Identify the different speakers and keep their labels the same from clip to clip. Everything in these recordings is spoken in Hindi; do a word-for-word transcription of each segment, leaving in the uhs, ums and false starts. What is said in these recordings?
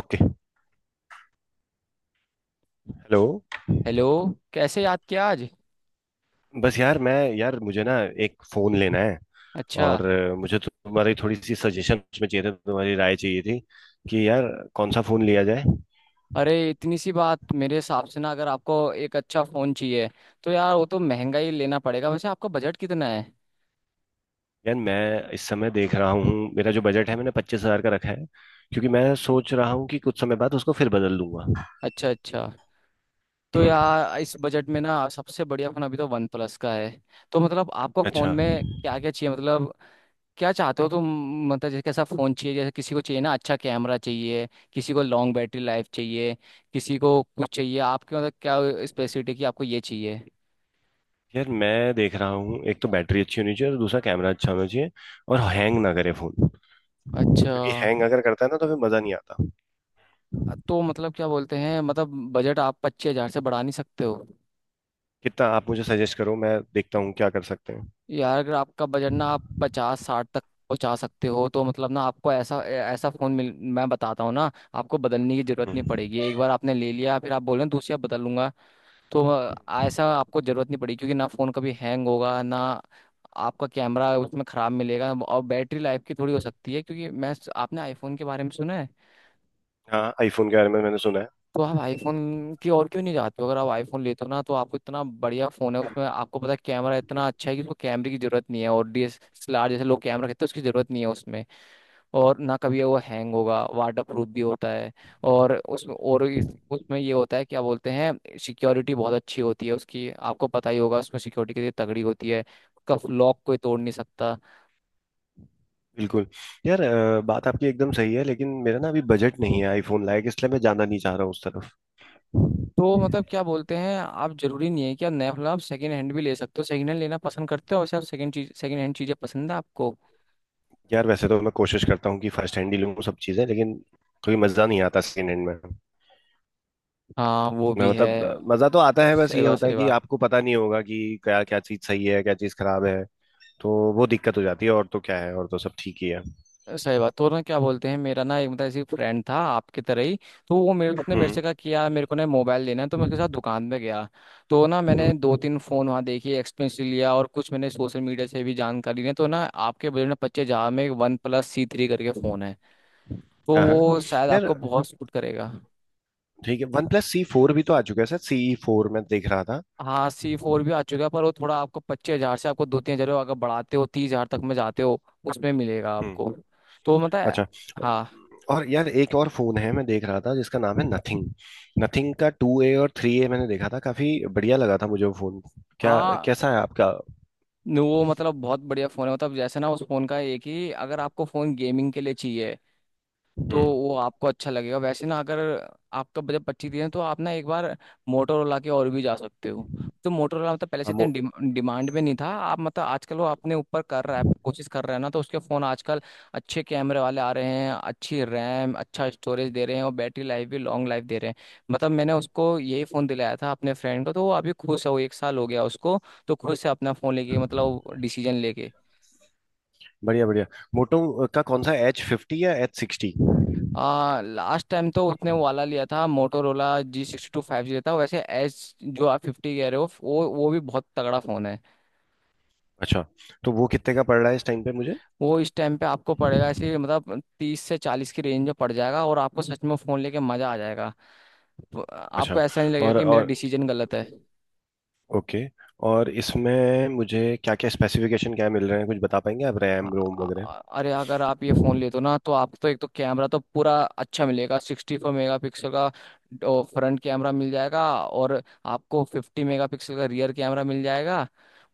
Speaker 1: ओके। हेलो।
Speaker 2: हेलो। कैसे याद किया आज?
Speaker 1: बस यार, मैं, यार, मुझे ना एक फोन लेना है।
Speaker 2: अच्छा।
Speaker 1: और अ, मुझे तो तुम्हारी थोड़ी सी सजेशन उसमें चाहिए था, तुम्हारी राय चाहिए थी कि यार, कौन सा फोन लिया जाए।
Speaker 2: अरे इतनी सी बात मेरे हिसाब से ना अगर आपको एक अच्छा फ़ोन चाहिए तो यार वो तो महंगा ही लेना पड़ेगा। वैसे आपका बजट कितना है?
Speaker 1: यार, मैं इस समय देख रहा हूँ मेरा जो बजट है, मैंने पच्चीस हजार का रखा है क्योंकि मैं सोच रहा हूँ कि कुछ समय बाद उसको फिर बदल दूंगा।
Speaker 2: अच्छा अच्छा। तो
Speaker 1: हम्म।
Speaker 2: यार इस बजट में ना सबसे बढ़िया फ़ोन अभी तो वन प्लस का है। तो मतलब आपको फ़ोन
Speaker 1: अच्छा।
Speaker 2: में क्या क्या चाहिए मतलब क्या चाहते हो तुम? मतलब जैसे कैसा फ़ोन चाहिए, जैसे किसी को चाहिए ना अच्छा कैमरा चाहिए, किसी को लॉन्ग बैटरी लाइफ चाहिए, किसी को कुछ चाहिए, आपके मतलब क्या स्पेसिफिक है कि आपको ये चाहिए?
Speaker 1: यार, मैं देख रहा हूँ, एक तो बैटरी अच्छी होनी चाहिए और दूसरा कैमरा अच्छा होना चाहिए, और हैंग ना करे फोन,
Speaker 2: अच्छा।
Speaker 1: क्योंकि हैंग अगर करता है ना तो फिर मजा नहीं आता।
Speaker 2: तो मतलब क्या बोलते हैं मतलब बजट आप पच्चीस हजार से बढ़ा नहीं सकते हो?
Speaker 1: कितना आप मुझे सजेस्ट करो, मैं देखता हूँ क्या कर सकते हैं।
Speaker 2: यार अगर आपका बजट ना आप पचास साठ तक पहुंचा सकते हो तो मतलब ना आपको ऐसा ऐसा फोन मिल। मैं बताता हूँ ना, आपको बदलने की जरूरत नहीं
Speaker 1: हम्म।
Speaker 2: पड़ेगी, एक बार आपने ले लिया फिर आप बोल रहे हैं दूसरी आप बदल लूंगा। तो अ, ऐसा आपको जरूरत नहीं पड़ेगी क्योंकि ना फोन कभी हैंग होगा ना आपका कैमरा उसमें खराब मिलेगा और बैटरी लाइफ की थोड़ी हो सकती है। क्योंकि मैं आपने आईफोन के बारे में सुना है?
Speaker 1: हाँ, आईफोन के बारे में मैंने सुना है।
Speaker 2: तो आप आईफोन की ओर क्यों नहीं जाते हो? अगर आप आईफोन लेते हो ना तो आपको इतना बढ़िया फोन है, उसमें आपको पता है कैमरा इतना अच्छा है कि उसको कैमरे की जरूरत नहीं है और डीएसएलआर जैसे लोग कैमरा कहते हैं उसकी जरूरत नहीं है उसमें। और ना कभी वो हैंग होगा, वाटर प्रूफ भी होता है और उसमें और इस, उसमें ये होता है क्या बोलते हैं सिक्योरिटी बहुत अच्छी होती है, उसकी आपको पता ही होगा, उसमें सिक्योरिटी के लिए तगड़ी होती है, उसका लॉक कोई तोड़ नहीं सकता।
Speaker 1: बिल्कुल। यार, अ, बात आपकी एकदम सही है, लेकिन मेरा ना अभी बजट नहीं है आईफोन लायक, इसलिए मैं जाना नहीं चाह रहा हूँ उस तरफ।
Speaker 2: तो मतलब क्या बोलते हैं, आप जरूरी नहीं है कि आप नया फोन, आप सेकंड हैंड भी ले सकते हो, सेकंड हैंड लेना पसंद करते हो? वैसे आप सेकंड चीज सेकंड हैंड चीजें पसंद है आपको?
Speaker 1: यार, वैसे तो मैं कोशिश करता हूँ कि फर्स्ट हैंड ही लूँ सब चीज़ें, लेकिन कोई मज़ा नहीं आता सेकेंड हैंड में।
Speaker 2: हाँ वो भी
Speaker 1: मैं
Speaker 2: है।
Speaker 1: मतलब अ, मज़ा तो आता है, बस
Speaker 2: सही
Speaker 1: ये
Speaker 2: बात
Speaker 1: होता है
Speaker 2: सही
Speaker 1: कि
Speaker 2: बात।
Speaker 1: आपको पता नहीं होगा कि क्या क्या चीज़ सही है, क्या चीज़ खराब है। तो वो दिक्कत हो जाती है, और तो क्या है, और तो सब ठीक ही है।
Speaker 2: सही बात। तो ना क्या बोलते हैं, मेरा ना एक मतलब ऐसी फ्रेंड था आपकी तरह ही। तो वो मेरे उसने मेरे
Speaker 1: हम्म।
Speaker 2: से कहा कि यार मेरे को ना मोबाइल लेना है, तो मैं उसके साथ दुकान पे गया। तो ना
Speaker 1: हम्म।
Speaker 2: मैंने दो तीन फोन वहाँ देखे, एक्सपेंसिव लिया, और कुछ मैंने सोशल मीडिया से भी जानकारी ली, तो ना आपके बजट में पच्चीस हजार में वन प्लस सी थ्री करके फोन है, तो
Speaker 1: हाँ। हाँ।
Speaker 2: वो शायद
Speaker 1: यार,
Speaker 2: आपको बहुत सूट करेगा।
Speaker 1: ठीक है। वन प्लस सी फोर भी तो आ चुका है। सर, सी फोर मैं देख रहा था।
Speaker 2: हाँ सी फोर भी आ चुका है, पर वो थोड़ा आपको पच्चीस हजार से आपको दो तीन हजार अगर बढ़ाते हो, तीस हजार तक में जाते हो उसमें मिलेगा
Speaker 1: हम्म।
Speaker 2: आपको। तो मतलब
Speaker 1: अच्छा।
Speaker 2: हाँ
Speaker 1: और यार, एक और फोन है, मैं देख रहा था, जिसका नाम है नथिंग। नथिंग का टू ए और थ्री ए मैंने देखा था, काफी बढ़िया लगा था मुझे वो फोन। क्या
Speaker 2: हाँ।
Speaker 1: कैसा है आपका?
Speaker 2: न- वो मतलब बहुत बढ़िया फ़ोन है, मतलब जैसे ना उस फ़ोन का एक ही, अगर आपको फ़ोन गेमिंग के लिए चाहिए तो
Speaker 1: हम्म।
Speaker 2: वो आपको अच्छा लगेगा। वैसे ना अगर आपका बजट पच्चीस दिन है तो आप ना एक बार मोटोरोला के और भी जा सकते हो। तो मोटोरोला मतलब पहले
Speaker 1: हाँ,
Speaker 2: से इतना
Speaker 1: मो,
Speaker 2: डिम, डिमांड में नहीं था, आप मतलब आजकल वो अपने ऊपर कर रहा है, कोशिश कर रहा है ना, तो उसके फ़ोन आजकल अच्छे कैमरे वाले आ रहे हैं, अच्छी रैम अच्छा स्टोरेज दे रहे हैं और बैटरी लाइफ भी लॉन्ग लाइफ दे रहे हैं। मतलब मैंने उसको यही फ़ोन दिलाया था अपने फ्रेंड को, तो वो अभी खुश है, वो एक साल हो गया उसको, तो खुश है अपना फ़ोन लेके मतलब डिसीजन लेके।
Speaker 1: बढ़िया बढ़िया। मोटो का कौन सा, एच फिफ्टी या एच सिक्सटी?
Speaker 2: आ, लास्ट टाइम तो उसने वो वाला लिया था, Motorola G sixty two five G था। वैसे एच जो आप फिफ्टी कह रहे हो वो वो भी बहुत तगड़ा फोन है।
Speaker 1: अच्छा, तो वो कितने का पड़ रहा है इस टाइम पे मुझे?
Speaker 2: वो इस टाइम पे आपको पड़ेगा, ऐसे मतलब तीस से चालीस की रेंज में पड़ जाएगा और आपको सच में फोन लेके मजा आ जाएगा, तो आपको
Speaker 1: अच्छा।
Speaker 2: ऐसा नहीं लगेगा
Speaker 1: और
Speaker 2: कि मेरा
Speaker 1: और
Speaker 2: डिसीजन गलत है।
Speaker 1: ओके। और इसमें मुझे क्या क्या स्पेसिफिकेशन क्या मिल रहे हैं, कुछ बता पाएंगे आप,
Speaker 2: अ-
Speaker 1: रैम रोम वगैरह?
Speaker 2: अ- अरे अगर आप ये फोन लेते हो ना तो आप तो एक तो कैमरा तो पूरा अच्छा मिलेगा, सिक्सटी फोर मेगा पिक्सल का फ्रंट कैमरा मिल जाएगा और आपको फिफ्टी मेगा पिक्सल का रियर कैमरा मिल जाएगा।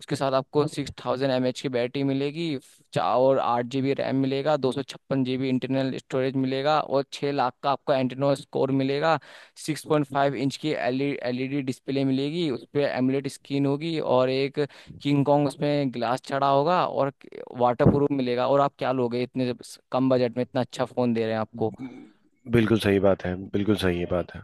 Speaker 2: उसके साथ आपको सिक्स थाउजेंड एम एच की बैटरी मिलेगी, चा- और आठ जी बी रैम मिलेगा, दो सौ छप्पन जी बी इंटरनल स्टोरेज मिलेगा और छः लाख का आपको एंटेनो स्कोर मिलेगा, सिक्स पॉइंट फाइव इंच की एलईडी डिस्प्ले मिलेगी, उस पर एमुलेट स्क्रीन होगी और एक किंग कॉन्ग उसमें ग्लास चढ़ा होगा और वाटर प्रूफ मिलेगा, और आप क्या लोगे इतने स- कम बजट में, इतना अच्छा फोन दे रहे हैं आपको।
Speaker 1: बिल्कुल सही बात है, बिल्कुल सही है बात है।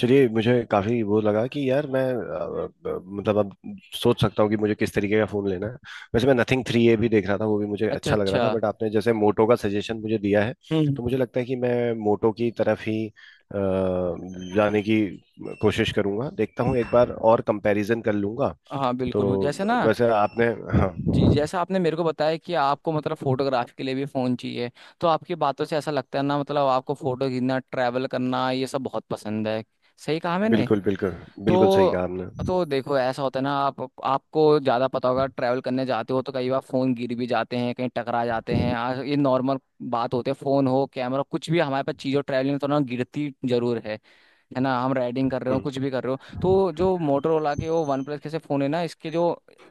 Speaker 1: चलिए, मुझे काफी वो लगा कि यार मैं अ, अ, मतलब अब सोच सकता हूँ कि मुझे किस तरीके का फोन लेना है। वैसे मैं नथिंग थ्री ए भी देख रहा था, वो भी मुझे
Speaker 2: अच्छा
Speaker 1: अच्छा लग रहा
Speaker 2: अच्छा।
Speaker 1: था, बट आपने जैसे मोटो का सजेशन मुझे दिया है,
Speaker 2: हम्म।
Speaker 1: तो मुझे लगता है कि मैं मोटो की तरफ ही अ,
Speaker 2: अ,
Speaker 1: जाने की कोशिश करूंगा। देखता हूँ एक बार और कंपैरिजन कर लूंगा।
Speaker 2: हाँ
Speaker 1: तो
Speaker 2: बिल्कुल बिल्कुल। जैसे ना
Speaker 1: वैसे आपने, हाँ,
Speaker 2: जी जैसा आपने मेरे को बताया कि आपको मतलब फोटोग्राफी के लिए भी फोन चाहिए, तो आपकी बातों से ऐसा लगता है ना, मतलब आपको फोटो खींचना ट्रैवल करना ये सब बहुत पसंद है, सही कहा मैंने?
Speaker 1: बिल्कुल बिल्कुल। बिल्कुल सही कहा
Speaker 2: तो
Speaker 1: आपने।
Speaker 2: तो देखो ऐसा होता है ना, आप आपको ज़्यादा पता होगा, ट्रैवल करने जाते हो तो कई बार फ़ोन गिर भी जाते हैं, कहीं टकरा जाते हैं, आज ये नॉर्मल बात होती है, फ़ोन हो कैमरा कुछ भी हमारे पास चीज़ हो ट्रैवलिंग में तो ना गिरती जरूर है है ना? हम राइडिंग कर रहे हो
Speaker 1: हम्म।
Speaker 2: कुछ भी कर रहे हो तो जो मोटरोला के वो वन प्लस के से फ़ोन है ना, इसके जो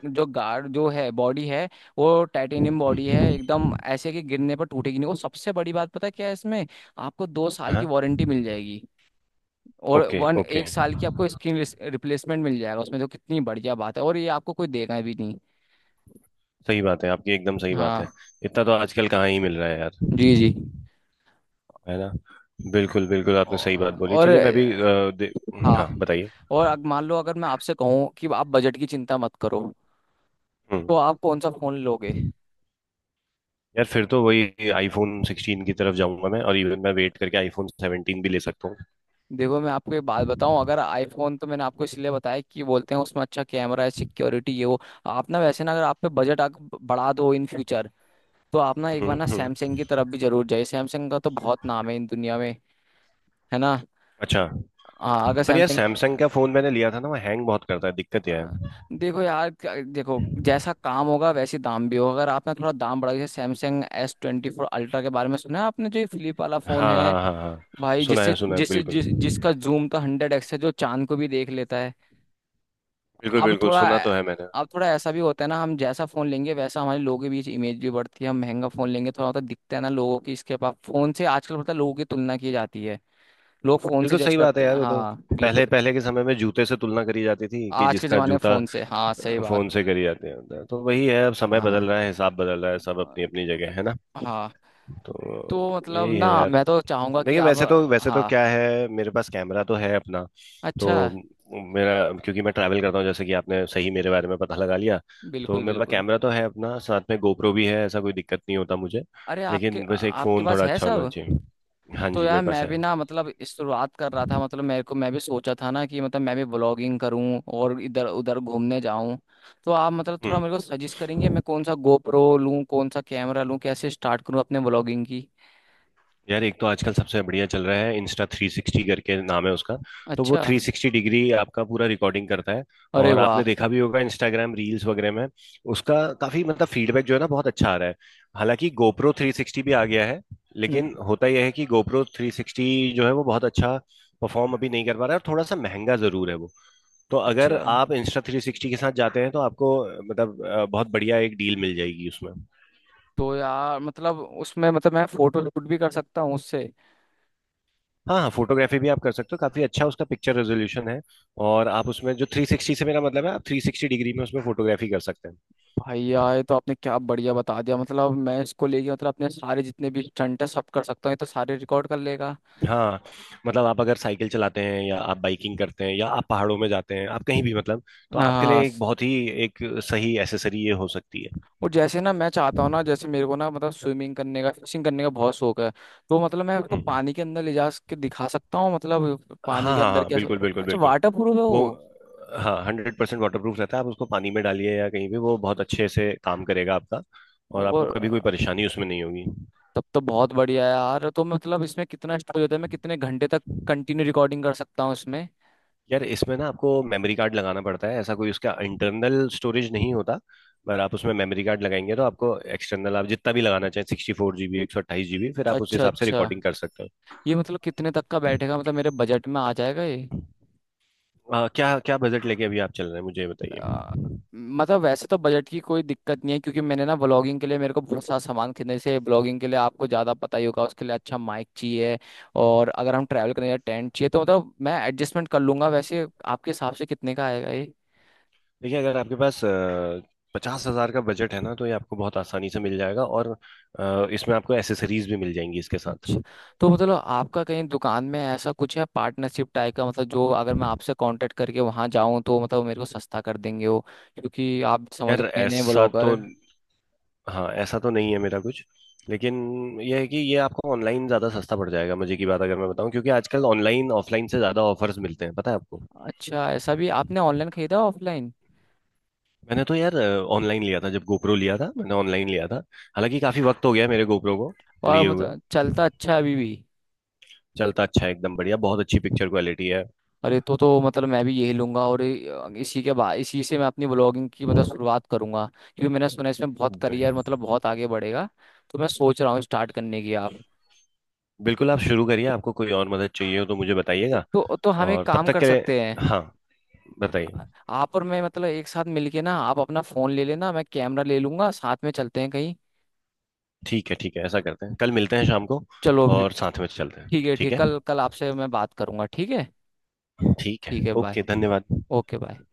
Speaker 2: जो गार्ड जो है बॉडी है वो टाइटेनियम बॉडी है, एकदम ऐसे कि गिरने पर टूटेगी नहीं। वो सबसे बड़ी बात, पता है क्या है इसमें? आपको दो साल की
Speaker 1: हाँ।
Speaker 2: वारंटी मिल जाएगी और
Speaker 1: ओके।
Speaker 2: One
Speaker 1: okay.
Speaker 2: एक साल की आपको स्क्रीन रिप्लेसमेंट मिल जाएगा उसमें, तो कितनी बढ़िया बात है, और ये आपको कोई देगा भी नहीं।
Speaker 1: सही बात है आपकी, एकदम सही बात है।
Speaker 2: हाँ
Speaker 1: इतना तो आजकल कहाँ ही मिल रहा है यार,
Speaker 2: जी जी।
Speaker 1: है ना? बिल्कुल बिल्कुल, आपने सही बात
Speaker 2: और,
Speaker 1: बोली।
Speaker 2: और
Speaker 1: चलिए, मैं भी
Speaker 2: अ,
Speaker 1: अ, दे-
Speaker 2: हाँ,
Speaker 1: हाँ, बताइए।
Speaker 2: और अब मान लो अगर मैं आपसे कहूँ कि आप बजट की चिंता मत करो,
Speaker 1: हम्म।
Speaker 2: तो आप कौन सा फ़ोन लोगे?
Speaker 1: यार, फिर तो वही आईफोन सिक्सटीन की तरफ जाऊंगा मैं, और इवन मैं वेट करके आईफोन सेवनटीन भी ले सकता हूँ।
Speaker 2: देखो मैं आपको एक बात बताऊं, अगर आईफोन तो मैंने आपको इसलिए बताया कि बोलते हैं उसमें अच्छा कैमरा है, सिक्योरिटी ये वो, आप ना वैसे ना अगर आप पे बजट बढ़ा दो इन फ्यूचर, तो आप ना एक
Speaker 1: हम्म।
Speaker 2: बार ना
Speaker 1: हम्म।
Speaker 2: सैमसंग की तरफ भी जरूर जाइए, सैमसंग का तो बहुत नाम है इन दुनिया में, है ना?
Speaker 1: अच्छा।
Speaker 2: हाँ। अगर
Speaker 1: पर यार,
Speaker 2: सैमसंग
Speaker 1: सैमसंग का फोन मैंने लिया था ना, वो हैंग बहुत करता है, दिक्कत यह
Speaker 2: अ,
Speaker 1: है।
Speaker 2: देखो यार क्या- देखो जैसा काम होगा वैसे दाम भी होगा, अगर आपने थोड़ा दाम बढ़ा, जैसे Samsung S twenty four Ultra के बारे में सुना है आपने, जो ये फ्लिप वाला फोन
Speaker 1: हाँ,
Speaker 2: है,
Speaker 1: हाँ, हाँ, हाँ।
Speaker 2: भाई
Speaker 1: सुना
Speaker 2: जिससे
Speaker 1: है, सुना है,
Speaker 2: जिससे जिस जिसका
Speaker 1: बिल्कुल
Speaker 2: जूम तो हंड्रेड एक्स है, जो चांद को भी देख लेता है।
Speaker 1: बिल्कुल।
Speaker 2: अब
Speaker 1: बिल्कुल
Speaker 2: थोड़ा
Speaker 1: सुना तो है मैंने।
Speaker 2: अब थोड़ा ऐसा भी होता है ना, हम जैसा फोन लेंगे वैसा हमारे लोगों के बीच इमेज भी बढ़ती है, हम महंगा फोन लेंगे थोड़ा होता दिखता है ना, लोगों की इसके पास फोन से आजकल पता है लोगों की तुलना की जाती है, लोग फोन से
Speaker 1: बिल्कुल
Speaker 2: जज
Speaker 1: सही बात है
Speaker 2: करते
Speaker 1: यार।
Speaker 2: हैं।
Speaker 1: वो तो
Speaker 2: हाँ बिल्कुल।
Speaker 1: पहले पहले के समय में जूते से तुलना करी जाती थी, कि
Speaker 2: आज के
Speaker 1: जिसका
Speaker 2: जमाने में
Speaker 1: जूता,
Speaker 2: फोन से, हाँ सही
Speaker 1: अ,
Speaker 2: बात।
Speaker 1: फोन से करी जाती है, तो वही है। अब समय
Speaker 2: हाँ।
Speaker 1: बदल रहा है, हिसाब बदल रहा है, सब
Speaker 2: आ,
Speaker 1: अपनी अपनी जगह है, ना?
Speaker 2: हाँ। तो
Speaker 1: तो
Speaker 2: मतलब
Speaker 1: यही है
Speaker 2: ना
Speaker 1: यार।
Speaker 2: मैं तो चाहूंगा कि
Speaker 1: देखिए,
Speaker 2: आप।
Speaker 1: वैसे तो वैसे तो
Speaker 2: हाँ।
Speaker 1: क्या है, मेरे पास कैमरा तो है अपना। तो
Speaker 2: अच्छा।
Speaker 1: मेरा, क्योंकि मैं ट्रैवल करता हूँ, जैसे कि आपने सही मेरे बारे में पता लगा लिया। तो
Speaker 2: बिल्कुल
Speaker 1: मेरे पास
Speaker 2: बिल्कुल।
Speaker 1: कैमरा तो है अपना, साथ में गोप्रो भी है, ऐसा कोई दिक्कत नहीं होता मुझे।
Speaker 2: अरे आपके
Speaker 1: लेकिन वैसे एक
Speaker 2: आपके
Speaker 1: फ़ोन
Speaker 2: पास
Speaker 1: थोड़ा
Speaker 2: है
Speaker 1: अच्छा होना
Speaker 2: सब।
Speaker 1: चाहिए। हाँ
Speaker 2: तो
Speaker 1: जी,
Speaker 2: यार
Speaker 1: मेरे पास
Speaker 2: मैं
Speaker 1: है।
Speaker 2: भी ना मतलब इस शुरुआत कर रहा था, मतलब मेरे को, मैं भी सोचा था ना कि मतलब मैं भी ब्लॉगिंग करूं और इधर उधर घूमने जाऊं, तो आप मतलब थोड़ा
Speaker 1: हम्म।
Speaker 2: मेरे को सजेस्ट करेंगे मैं कौन सा गोप्रो लूं कौन सा कैमरा लूं कैसे स्टार्ट करूं अपने ब्लॉगिंग की?
Speaker 1: यार, एक तो आजकल सबसे बढ़िया चल रहा है, इंस्टा थ्री सिक्सटी करके नाम है उसका। तो वो
Speaker 2: अच्छा।
Speaker 1: थ्री सिक्सटी डिग्री आपका पूरा रिकॉर्डिंग करता है।
Speaker 2: अरे
Speaker 1: और
Speaker 2: वाह।
Speaker 1: आपने देखा भी होगा इंस्टाग्राम रील्स वगैरह में। उसका काफी मतलब फीडबैक जो है ना, बहुत अच्छा आ रहा है। हालांकि गोप्रो थ्री सिक्सटी भी आ गया है,
Speaker 2: हम्म।
Speaker 1: लेकिन होता यह है कि गोप्रो थ्री सिक्सटी जो है, वो बहुत अच्छा परफॉर्म अभी नहीं कर पा रहा है, और थोड़ा सा महंगा जरूर है वो। तो अगर
Speaker 2: अच्छा।
Speaker 1: आप इंस्टा थ्री सिक्सटी के साथ जाते हैं, तो आपको अ, मतलब अ, बहुत बढ़िया एक डील मिल जाएगी उसमें।
Speaker 2: तो यार मतलब उसमें मतलब मैं फोटो शूट भी कर सकता हूँ उससे?
Speaker 1: हाँ हाँ, फोटोग्राफी भी आप कर सकते हो, काफी अच्छा उसका पिक्चर रेजोल्यूशन है। और आप उसमें जो थ्री सिक्सटी से मेरा मतलब है, आप थ्री सिक्सटी डिग्री में उसमें फोटोग्राफी कर सकते हैं।
Speaker 2: भाई यार ये तो आपने क्या बढ़िया बता दिया, मतलब मैं इसको लेके मतलब अपने सारे जितने भी स्टंट है सब कर सकता हूँ, ये तो सारे रिकॉर्ड कर लेगा।
Speaker 1: हाँ, मतलब आप अगर साइकिल चलाते हैं या आप बाइकिंग करते हैं या आप पहाड़ों में जाते हैं, आप कहीं भी, मतलब, तो आपके
Speaker 2: आ,
Speaker 1: लिए एक
Speaker 2: स-
Speaker 1: बहुत ही एक सही एसेसरी ये हो सकती है।
Speaker 2: और जैसे ना मैं चाहता हूँ ना, जैसे मेरे को ना मतलब स्विमिंग करने का फिशिंग करने का बहुत शौक है, तो मतलब मैं उसको
Speaker 1: हम्म।
Speaker 2: पानी के अंदर ले जा के दिखा सकता हूँ, मतलब पानी
Speaker 1: हाँ,
Speaker 2: के
Speaker 1: हाँ,
Speaker 2: अंदर
Speaker 1: हाँ,
Speaker 2: क्या,
Speaker 1: बिल्कुल बिल्कुल
Speaker 2: अच्छा
Speaker 1: बिल्कुल।
Speaker 2: वाटर प्रूफ है
Speaker 1: वो,
Speaker 2: वो?
Speaker 1: हाँ, हंड्रेड परसेंट वाटर प्रूफ रहता है, आप उसको पानी में डालिए या कहीं भी, वो बहुत अच्छे से काम करेगा आपका, और आपको
Speaker 2: और
Speaker 1: कभी कोई परेशानी उसमें नहीं होगी।
Speaker 2: तब तो बहुत बढ़िया है यार, तो मतलब इसमें कितना स्टोरेज होता है? मैं कितने घंटे तक कंटिन्यू रिकॉर्डिंग कर सकता हूँ इसमें?
Speaker 1: यार, इसमें ना आपको मेमोरी कार्ड लगाना पड़ता है, ऐसा कोई उसका इंटरनल स्टोरेज नहीं होता। पर आप उसमें मेमोरी कार्ड लगाएंगे, तो आपको एक्सटर्नल आप जितना भी लगाना चाहें, सिक्सटी फोर जीबी, एक सौ अट्ठाईस जीबी, फिर आप उस
Speaker 2: अच्छा
Speaker 1: हिसाब से
Speaker 2: अच्छा।
Speaker 1: रिकॉर्डिंग कर सकते हो।
Speaker 2: ये मतलब कितने तक का बैठेगा, मतलब मेरे बजट में आ जाएगा ये?
Speaker 1: आ, क्या क्या बजट लेके अभी आप चल रहे हैं, मुझे ये बताइए।
Speaker 2: अ, मतलब वैसे तो बजट की कोई दिक्कत नहीं है, क्योंकि मैंने ना ब्लॉगिंग के लिए मेरे को बहुत सारा सामान खरीदने से, ब्लॉगिंग के लिए आपको ज़्यादा पता ही होगा, उसके लिए अच्छा माइक चाहिए और अगर हम ट्रैवल करने टेंट चाहिए तो मतलब मैं एडजस्टमेंट कर लूंगा, वैसे आपके हिसाब से कितने का आएगा ये?
Speaker 1: देखिए, अगर आपके पास पचास हजार का बजट है ना, तो ये आपको बहुत आसानी से मिल जाएगा, और आ, इसमें आपको एसेसरीज भी मिल जाएंगी इसके साथ।
Speaker 2: अच्छा। तो मतलब आपका कहीं दुकान में ऐसा कुछ है पार्टनरशिप टाइप का, मतलब जो अगर मैं आपसे कांटेक्ट करके वहां जाऊं तो मतलब मेरे को सस्ता कर देंगे वो, क्योंकि आप समझ
Speaker 1: यार
Speaker 2: मैंने
Speaker 1: ऐसा तो,
Speaker 2: ब्लॉगर।
Speaker 1: हाँ ऐसा तो नहीं है मेरा कुछ, लेकिन यह है कि ये आपको ऑनलाइन ज़्यादा सस्ता पड़ जाएगा, मुझे की बात अगर मैं बताऊं, क्योंकि आजकल ऑनलाइन ऑफलाइन से ज़्यादा ऑफर्स मिलते हैं, पता है आपको?
Speaker 2: अच्छा ऐसा भी आपने ऑनलाइन खरीदा ऑफलाइन?
Speaker 1: मैंने तो यार ऑनलाइन लिया था, जब गोप्रो लिया था मैंने ऑनलाइन लिया था। हालांकि काफ़ी वक्त हो गया मेरे गोप्रो को
Speaker 2: और
Speaker 1: लिए हुए,
Speaker 2: मतलब चलता अच्छा है अभी भी?
Speaker 1: चलता अच्छा है एकदम बढ़िया, बहुत अच्छी पिक्चर क्वालिटी है।
Speaker 2: अरे तो तो मतलब मैं भी यही लूंगा और ये- इसी के बाद इसी से मैं अपनी ब्लॉगिंग की मतलब शुरुआत करूंगा, क्योंकि मैंने सुना है इसमें बहुत
Speaker 1: ब-
Speaker 2: करियर मतलब बहुत आगे बढ़ेगा, तो मैं सोच रहा हूँ स्टार्ट करने की आप।
Speaker 1: बिल्कुल आप शुरू करिए, आपको कोई और मदद चाहिए हो तो मुझे बताइएगा।
Speaker 2: तो तो हम एक
Speaker 1: और तब
Speaker 2: काम
Speaker 1: तक
Speaker 2: कर
Speaker 1: के लिए,
Speaker 2: सकते हैं,
Speaker 1: हाँ, बताइए।
Speaker 2: आप और मैं मतलब एक साथ मिलके ना, आप अपना फोन ले लेना मैं कैमरा ले लूंगा साथ में चलते हैं कहीं।
Speaker 1: ठीक है ठीक है, ऐसा करते हैं, कल मिलते हैं शाम को,
Speaker 2: चलो फिर।
Speaker 1: और साथ में चलते हैं,
Speaker 2: ठीक है।
Speaker 1: ठीक
Speaker 2: ठीक
Speaker 1: है?
Speaker 2: कल कल आपसे मैं बात करूंगा, ठीक है?
Speaker 1: ठीक है,
Speaker 2: ठीक है बाय।
Speaker 1: ओके, धन्यवाद।
Speaker 2: Okay bye.